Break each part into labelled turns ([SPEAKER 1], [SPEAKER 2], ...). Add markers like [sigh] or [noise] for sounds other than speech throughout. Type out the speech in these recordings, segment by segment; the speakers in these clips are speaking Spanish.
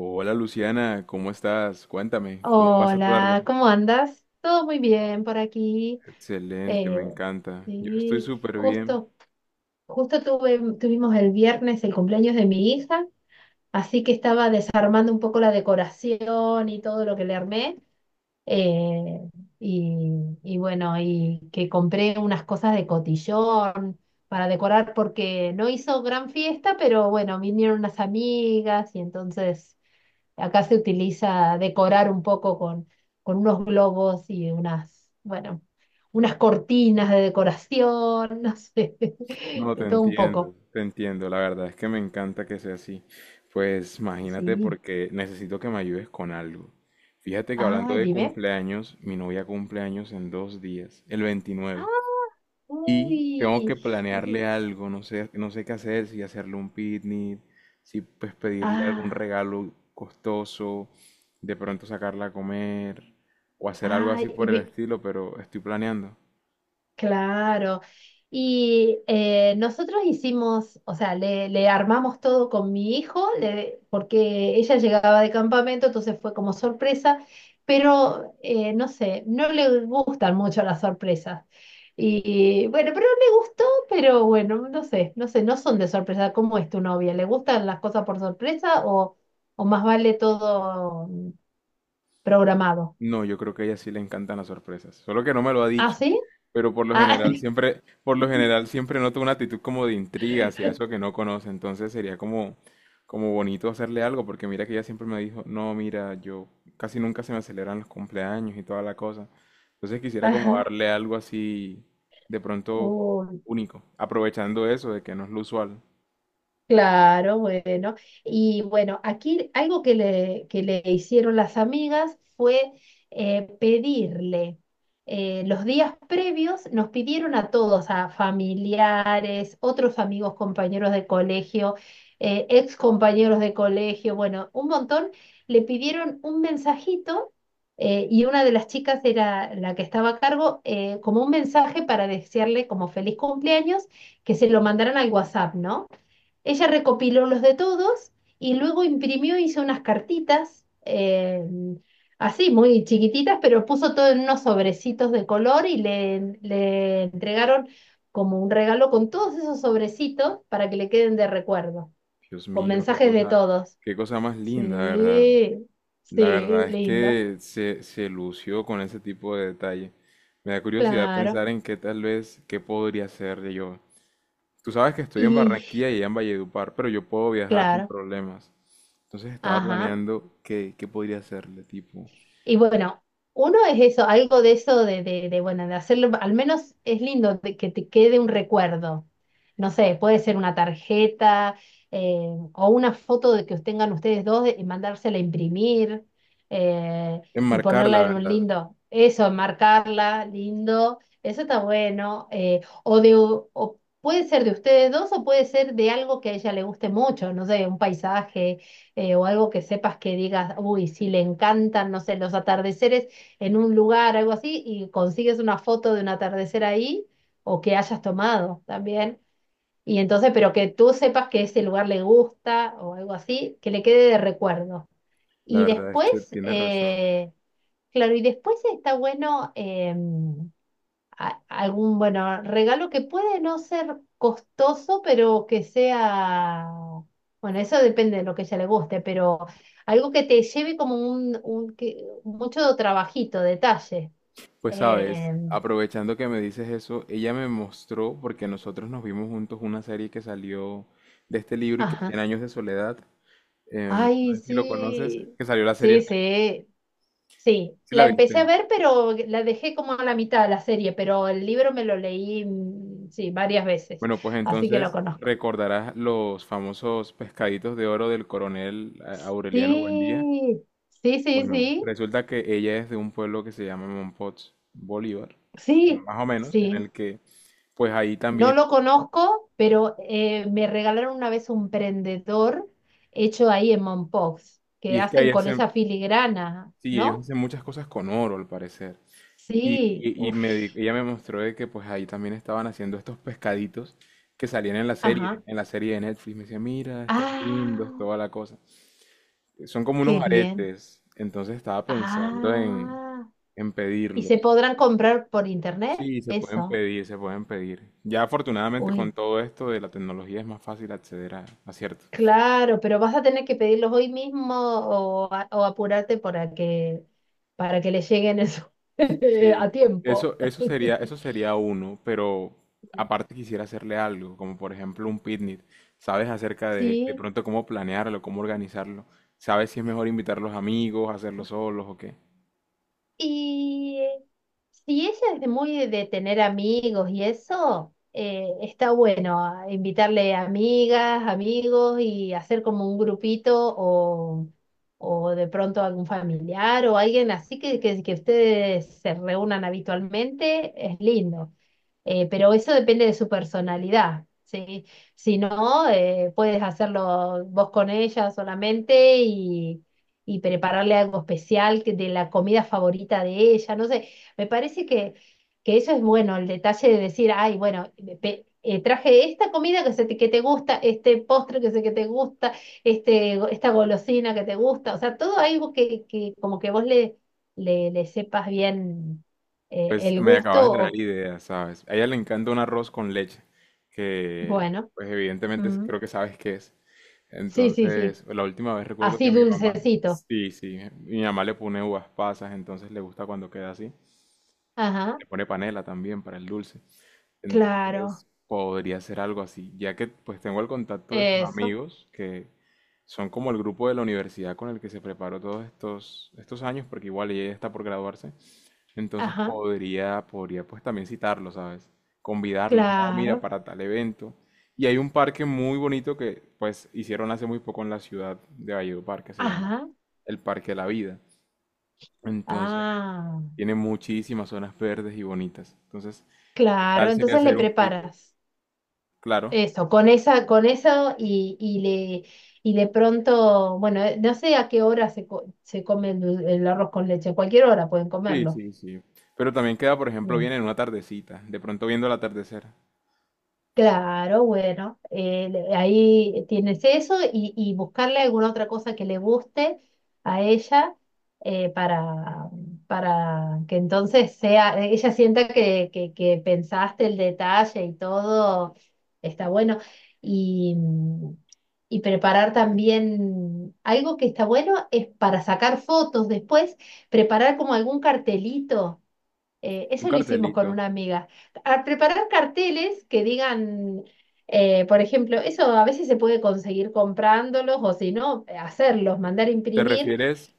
[SPEAKER 1] Hola Luciana, ¿cómo estás? Cuéntame, ¿cómo vas a tu tarde?
[SPEAKER 2] Hola, ¿cómo andas? Todo muy bien por aquí.
[SPEAKER 1] Excelente,
[SPEAKER 2] Eh,
[SPEAKER 1] me encanta. Yo estoy
[SPEAKER 2] sí,
[SPEAKER 1] súper bien.
[SPEAKER 2] justo tuvimos el viernes el cumpleaños de mi hija, así que estaba desarmando un poco la decoración y todo lo que le armé. eh, y bueno, y que compré unas cosas de cotillón para decorar porque no hizo gran fiesta, pero bueno, vinieron unas amigas y entonces acá se utiliza decorar un poco con, unos globos y bueno, unas cortinas de decoración, no sé, [laughs]
[SPEAKER 1] No, te
[SPEAKER 2] de todo un
[SPEAKER 1] entiendo,
[SPEAKER 2] poco.
[SPEAKER 1] te entiendo. La verdad es que me encanta que sea así. Pues imagínate
[SPEAKER 2] Así.
[SPEAKER 1] porque necesito que me ayudes con algo. Fíjate que hablando
[SPEAKER 2] Ah,
[SPEAKER 1] de
[SPEAKER 2] dime.
[SPEAKER 1] cumpleaños, mi novia cumpleaños en 2 días, el 29.
[SPEAKER 2] Ah,
[SPEAKER 1] Y tengo que
[SPEAKER 2] uy. [laughs]
[SPEAKER 1] planearle algo, no sé, no sé qué hacer, si hacerle un picnic, si pues pedirle algún
[SPEAKER 2] Ah,
[SPEAKER 1] regalo costoso, de pronto sacarla a comer o hacer algo así
[SPEAKER 2] ay,
[SPEAKER 1] por el estilo, pero estoy planeando.
[SPEAKER 2] claro. Y nosotros hicimos, o sea, le armamos todo con mi hijo, porque ella llegaba de campamento, entonces fue como sorpresa, pero no sé, no le gustan mucho las sorpresas. Y bueno, pero me gustó, pero bueno, no sé, no son de sorpresa. ¿Cómo es tu novia? ¿Le gustan las cosas por sorpresa o más vale todo programado?
[SPEAKER 1] No, yo creo que a ella sí le encantan las sorpresas, solo que no me lo ha
[SPEAKER 2] ¿Ah,
[SPEAKER 1] dicho.
[SPEAKER 2] sí?
[SPEAKER 1] Pero por lo
[SPEAKER 2] Ah,
[SPEAKER 1] general siempre, por lo
[SPEAKER 2] [laughs]
[SPEAKER 1] general siempre noto una actitud como de intriga hacia eso que no conoce, entonces sería como, como bonito hacerle algo, porque mira que ella siempre me dijo, no, mira, yo casi nunca se me celebran los cumpleaños y toda la cosa. Entonces quisiera como
[SPEAKER 2] ajá.
[SPEAKER 1] darle algo así de pronto
[SPEAKER 2] Uy.
[SPEAKER 1] único, aprovechando eso de que no es lo usual.
[SPEAKER 2] Claro, bueno. Y bueno, aquí algo que le hicieron las amigas fue pedirle, los días previos nos pidieron a todos, a familiares, otros amigos, compañeros de colegio, ex compañeros de colegio, bueno, un montón, le pidieron un mensajito y una de las chicas era la que estaba a cargo, como un mensaje para desearle como feliz cumpleaños, que se lo mandaran al WhatsApp, ¿no? Ella recopiló los de todos y luego imprimió, hizo unas cartitas, así, muy chiquititas, pero puso todo en unos sobrecitos de color y le entregaron como un regalo con todos esos sobrecitos para que le queden de recuerdo,
[SPEAKER 1] Dios
[SPEAKER 2] con
[SPEAKER 1] mío,
[SPEAKER 2] mensajes de todos.
[SPEAKER 1] qué cosa más linda, ¿verdad?
[SPEAKER 2] Sí,
[SPEAKER 1] La
[SPEAKER 2] sí,
[SPEAKER 1] verdad es
[SPEAKER 2] lindo,
[SPEAKER 1] que se lució con ese tipo de detalle. Me da curiosidad
[SPEAKER 2] claro.
[SPEAKER 1] pensar en qué tal vez, qué podría ser de yo. Tú sabes que estoy en
[SPEAKER 2] Y
[SPEAKER 1] Barranquilla y ella en Valledupar, pero yo puedo viajar sin
[SPEAKER 2] claro,
[SPEAKER 1] problemas. Entonces estaba
[SPEAKER 2] ajá.
[SPEAKER 1] planeando qué podría hacerle, tipo,
[SPEAKER 2] Y bueno, uno es eso, algo de eso bueno, de hacerlo, al menos es lindo de que te quede un recuerdo. No sé, puede ser una tarjeta eh, o una foto de que tengan ustedes dos y mandársela a imprimir eh, y
[SPEAKER 1] enmarcar la
[SPEAKER 2] ponerla en un
[SPEAKER 1] verdad.
[SPEAKER 2] lindo, eso, marcarla, lindo, eso está bueno. O puede ser de ustedes dos o puede ser de algo que a ella le guste mucho, no sé, un paisaje o algo que sepas que digas, uy, si le encantan, no sé, los atardeceres en un lugar, algo así, y consigues una foto de un atardecer ahí o que hayas tomado también. Y entonces, pero que tú sepas que ese lugar le gusta o algo así, que le quede de recuerdo.
[SPEAKER 1] La
[SPEAKER 2] Y
[SPEAKER 1] verdad es que
[SPEAKER 2] después,
[SPEAKER 1] tienes razón.
[SPEAKER 2] eh, claro, y después está bueno. Algún, bueno, regalo que puede no ser costoso, pero que sea, bueno, eso depende de lo que a ella le guste, pero algo que te lleve como un, mucho trabajito, detalle.
[SPEAKER 1] Pues sabes,
[SPEAKER 2] Eh,
[SPEAKER 1] aprovechando que me dices eso, ella me mostró, porque nosotros nos vimos juntos una serie que salió de este libro y que Cien
[SPEAKER 2] ajá.
[SPEAKER 1] años de soledad. No
[SPEAKER 2] Ay,
[SPEAKER 1] sé si lo conoces,
[SPEAKER 2] sí,
[SPEAKER 1] que salió la serie en
[SPEAKER 2] sí,
[SPEAKER 1] Netflix,
[SPEAKER 2] sí, sí.
[SPEAKER 1] ¿sí la
[SPEAKER 2] La empecé a
[SPEAKER 1] viste?
[SPEAKER 2] ver, pero la dejé como a la mitad de la serie, pero el libro me lo leí, sí, varias veces,
[SPEAKER 1] Bueno, pues
[SPEAKER 2] así que lo
[SPEAKER 1] entonces
[SPEAKER 2] conozco.
[SPEAKER 1] recordarás los famosos pescaditos de oro del coronel Aureliano Buendía.
[SPEAKER 2] Sí, sí, sí,
[SPEAKER 1] Bueno,
[SPEAKER 2] sí.
[SPEAKER 1] resulta que ella es de un pueblo que se llama Mompox Bolívar, bueno,
[SPEAKER 2] Sí,
[SPEAKER 1] más o menos, en
[SPEAKER 2] sí.
[SPEAKER 1] el que, pues ahí
[SPEAKER 2] No
[SPEAKER 1] también,
[SPEAKER 2] lo conozco, pero me regalaron una vez un prendedor hecho ahí en Mompox,
[SPEAKER 1] y
[SPEAKER 2] que
[SPEAKER 1] es que
[SPEAKER 2] hacen
[SPEAKER 1] ahí
[SPEAKER 2] con
[SPEAKER 1] hacen,
[SPEAKER 2] esa filigrana,
[SPEAKER 1] sí, ellos
[SPEAKER 2] ¿no?
[SPEAKER 1] hacen muchas cosas con oro, al parecer.
[SPEAKER 2] Sí, uf,
[SPEAKER 1] Ella me mostró de que pues ahí también estaban haciendo estos pescaditos que salían
[SPEAKER 2] ajá.
[SPEAKER 1] en la serie de Netflix. Me decía, mira, están lindos,
[SPEAKER 2] Ah,
[SPEAKER 1] toda la cosa. Son como
[SPEAKER 2] qué
[SPEAKER 1] unos
[SPEAKER 2] bien.
[SPEAKER 1] aretes. Entonces estaba pensando
[SPEAKER 2] Ah,
[SPEAKER 1] en
[SPEAKER 2] ¿y se
[SPEAKER 1] pedirlos.
[SPEAKER 2] podrán comprar por internet?
[SPEAKER 1] Sí, se pueden
[SPEAKER 2] Eso.
[SPEAKER 1] pedir, se pueden pedir. Ya afortunadamente con
[SPEAKER 2] Uy,
[SPEAKER 1] todo esto de la tecnología es más fácil acceder a cierto.
[SPEAKER 2] claro, pero vas a tener que pedirlos hoy mismo o apurarte para que, les lleguen eso [laughs]
[SPEAKER 1] Sí,
[SPEAKER 2] a tiempo.
[SPEAKER 1] eso, eso sería, eso
[SPEAKER 2] [laughs]
[SPEAKER 1] sería uno, pero aparte quisiera hacerle algo, como por ejemplo un picnic. ¿Sabes acerca de
[SPEAKER 2] Sí,
[SPEAKER 1] pronto cómo planearlo, cómo organizarlo? ¿Sabes si es mejor invitar a los amigos, hacerlo solos o qué?
[SPEAKER 2] y si ella es de muy de tener amigos y eso, está bueno a invitarle amigas, amigos y hacer como un grupito o de pronto algún familiar o alguien así que ustedes se reúnan habitualmente, es lindo. Pero eso depende de su personalidad, ¿sí? Si no, puedes hacerlo vos con ella solamente y, prepararle algo especial de la comida favorita de ella, no sé, me parece que eso es bueno, el detalle de decir, ay, bueno, traje esta comida que te gusta, este postre que sé que te gusta, esta golosina que te gusta, o sea, todo algo que como que vos le sepas bien
[SPEAKER 1] Pues
[SPEAKER 2] el
[SPEAKER 1] me
[SPEAKER 2] gusto
[SPEAKER 1] acabas de dar
[SPEAKER 2] o.
[SPEAKER 1] ideas, ¿sabes? A ella le encanta un arroz con leche, que
[SPEAKER 2] Bueno.
[SPEAKER 1] pues evidentemente
[SPEAKER 2] Mm.
[SPEAKER 1] creo que sabes qué es.
[SPEAKER 2] Sí, sí, sí.
[SPEAKER 1] Entonces, la última vez recuerdo que
[SPEAKER 2] Así
[SPEAKER 1] mi mamá,
[SPEAKER 2] dulcecito.
[SPEAKER 1] sí, sí, mi mamá le pone uvas pasas, entonces le gusta cuando queda así.
[SPEAKER 2] Ajá,
[SPEAKER 1] Le pone panela también para el dulce.
[SPEAKER 2] claro.
[SPEAKER 1] Entonces podría ser algo así, ya que pues tengo el contacto de sus
[SPEAKER 2] Eso.
[SPEAKER 1] amigos, que son como el grupo de la universidad con el que se preparó todos estos años, porque igual ella está por graduarse. Entonces
[SPEAKER 2] Ajá,
[SPEAKER 1] podría pues también citarlos, ¿sabes? Convidarlos, no, mira,
[SPEAKER 2] claro.
[SPEAKER 1] para tal evento. Y hay un parque muy bonito que pues hicieron hace muy poco en la ciudad de Valledupar, que se llama
[SPEAKER 2] Ajá.
[SPEAKER 1] el Parque de la Vida. Entonces
[SPEAKER 2] Ah,
[SPEAKER 1] tiene muchísimas zonas verdes y bonitas. Entonces, ¿qué
[SPEAKER 2] claro.
[SPEAKER 1] tal sería
[SPEAKER 2] Entonces le
[SPEAKER 1] hacer un picnic?
[SPEAKER 2] preparas
[SPEAKER 1] Claro,
[SPEAKER 2] eso, con eso y le y de pronto, bueno, no sé a qué hora se come el arroz con leche, a cualquier hora pueden
[SPEAKER 1] sí,
[SPEAKER 2] comerlo.
[SPEAKER 1] sí, sí. Pero también queda, por ejemplo, bien en una tardecita, de pronto viendo el atardecer.
[SPEAKER 2] Claro, bueno, ahí tienes eso y, buscarle alguna otra cosa que le guste a ella eh, para, para que entonces ella sienta que pensaste el detalle y todo está bueno. Y, y preparar también algo que está bueno es para sacar fotos después, preparar como algún cartelito
[SPEAKER 1] Un
[SPEAKER 2] eso lo hicimos con
[SPEAKER 1] cartelito.
[SPEAKER 2] una amiga. A preparar carteles que digan, por ejemplo, eso a veces se puede conseguir comprándolos o si no, hacerlos, mandar
[SPEAKER 1] ¿Te
[SPEAKER 2] imprimir,
[SPEAKER 1] refieres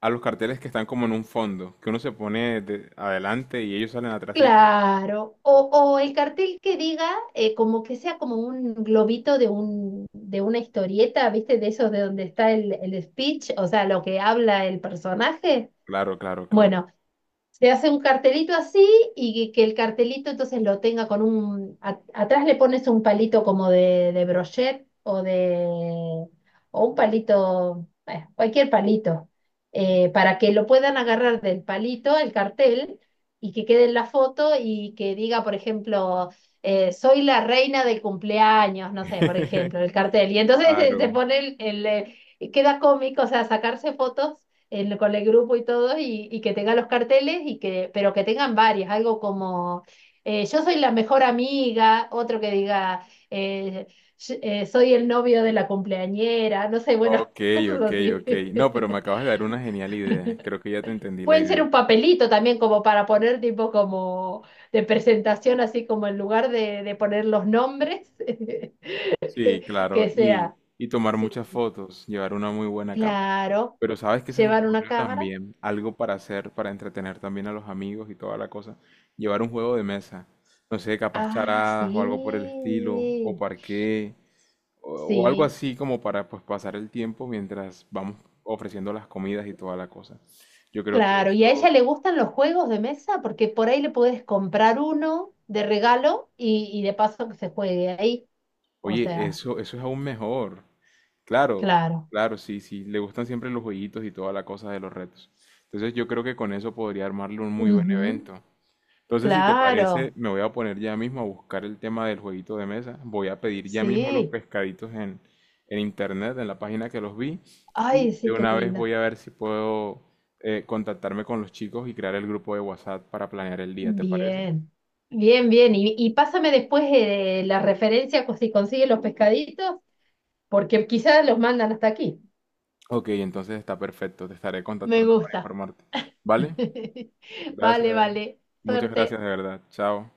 [SPEAKER 1] a los carteles que están como en un fondo, que uno se pone adelante y ellos salen atrásito?
[SPEAKER 2] claro. O el cartel que diga, como que sea como un globito de una historieta, ¿viste? De esos de donde está el speech, o sea, lo que habla el personaje.
[SPEAKER 1] Claro, claro, claro.
[SPEAKER 2] Bueno. Se hace un cartelito así y que el cartelito entonces lo tenga con un, atrás le pones un palito como de brochet o un palito, bueno, cualquier palito, para que lo puedan agarrar del palito, el cartel, y que quede en la foto y que diga, por ejemplo, soy la reina del cumpleaños, no sé, por
[SPEAKER 1] [laughs]
[SPEAKER 2] ejemplo, el cartel. Y entonces [laughs] se
[SPEAKER 1] Claro.
[SPEAKER 2] pone queda cómico, o sea, sacarse fotos con el grupo y todo, y que tenga los carteles, pero que tengan varias, algo como yo soy la mejor amiga, otro que diga soy el novio de la cumpleañera, no sé, bueno,
[SPEAKER 1] Ok,
[SPEAKER 2] [laughs] cosas
[SPEAKER 1] ok,
[SPEAKER 2] así.
[SPEAKER 1] ok. No, pero me
[SPEAKER 2] [laughs]
[SPEAKER 1] acabas de dar una genial idea. Creo que ya te entendí la
[SPEAKER 2] Pueden ser
[SPEAKER 1] idea.
[SPEAKER 2] un papelito también como para poner tipo como de presentación, así como en lugar de poner los nombres, [laughs]
[SPEAKER 1] Sí, claro,
[SPEAKER 2] que sea,
[SPEAKER 1] y tomar
[SPEAKER 2] sí,
[SPEAKER 1] muchas fotos, llevar una muy buena cámara.
[SPEAKER 2] claro,
[SPEAKER 1] Pero sabes que se me
[SPEAKER 2] llevar una
[SPEAKER 1] ocurrió
[SPEAKER 2] cámara.
[SPEAKER 1] también algo para hacer, para entretener también a los amigos y toda la cosa, llevar un juego de mesa, no sé, capaz
[SPEAKER 2] Ah,
[SPEAKER 1] charadas o algo por el estilo, o
[SPEAKER 2] sí,
[SPEAKER 1] parqué, o algo
[SPEAKER 2] sí.
[SPEAKER 1] así como para pues pasar el tiempo mientras vamos ofreciendo las comidas y toda la cosa. Yo creo que
[SPEAKER 2] Claro, ¿y a
[SPEAKER 1] eso.
[SPEAKER 2] ella le gustan los juegos de mesa? Porque por ahí le puedes comprar uno de regalo y, de paso que se juegue ahí. O
[SPEAKER 1] Oye,
[SPEAKER 2] sea,
[SPEAKER 1] eso es aún mejor. Claro,
[SPEAKER 2] claro.
[SPEAKER 1] claro, sí, sí. Le gustan siempre los jueguitos y toda la cosa de los retos. Entonces yo creo que con eso podría armarle un muy buen
[SPEAKER 2] Ujú,
[SPEAKER 1] evento. Entonces, si te parece,
[SPEAKER 2] claro,
[SPEAKER 1] me voy a poner ya mismo a buscar el tema del jueguito de mesa. Voy a pedir ya mismo los
[SPEAKER 2] sí.
[SPEAKER 1] pescaditos en internet, en la página que los vi. Y
[SPEAKER 2] Ay,
[SPEAKER 1] de
[SPEAKER 2] sí, qué
[SPEAKER 1] una vez
[SPEAKER 2] lindo.
[SPEAKER 1] voy a ver si puedo contactarme con los chicos y crear el grupo de WhatsApp para planear el día, ¿te parece?
[SPEAKER 2] Bien, bien, bien. Y pásame después la referencia si consigues los pescaditos, porque quizás los mandan hasta aquí.
[SPEAKER 1] Ok, entonces está perfecto. Te estaré
[SPEAKER 2] Me
[SPEAKER 1] contactando para
[SPEAKER 2] gusta.
[SPEAKER 1] informarte. ¿Vale?
[SPEAKER 2] [laughs] Vale,
[SPEAKER 1] Gracias.
[SPEAKER 2] vale.
[SPEAKER 1] Muchas gracias
[SPEAKER 2] Suerte.
[SPEAKER 1] de verdad. Chao.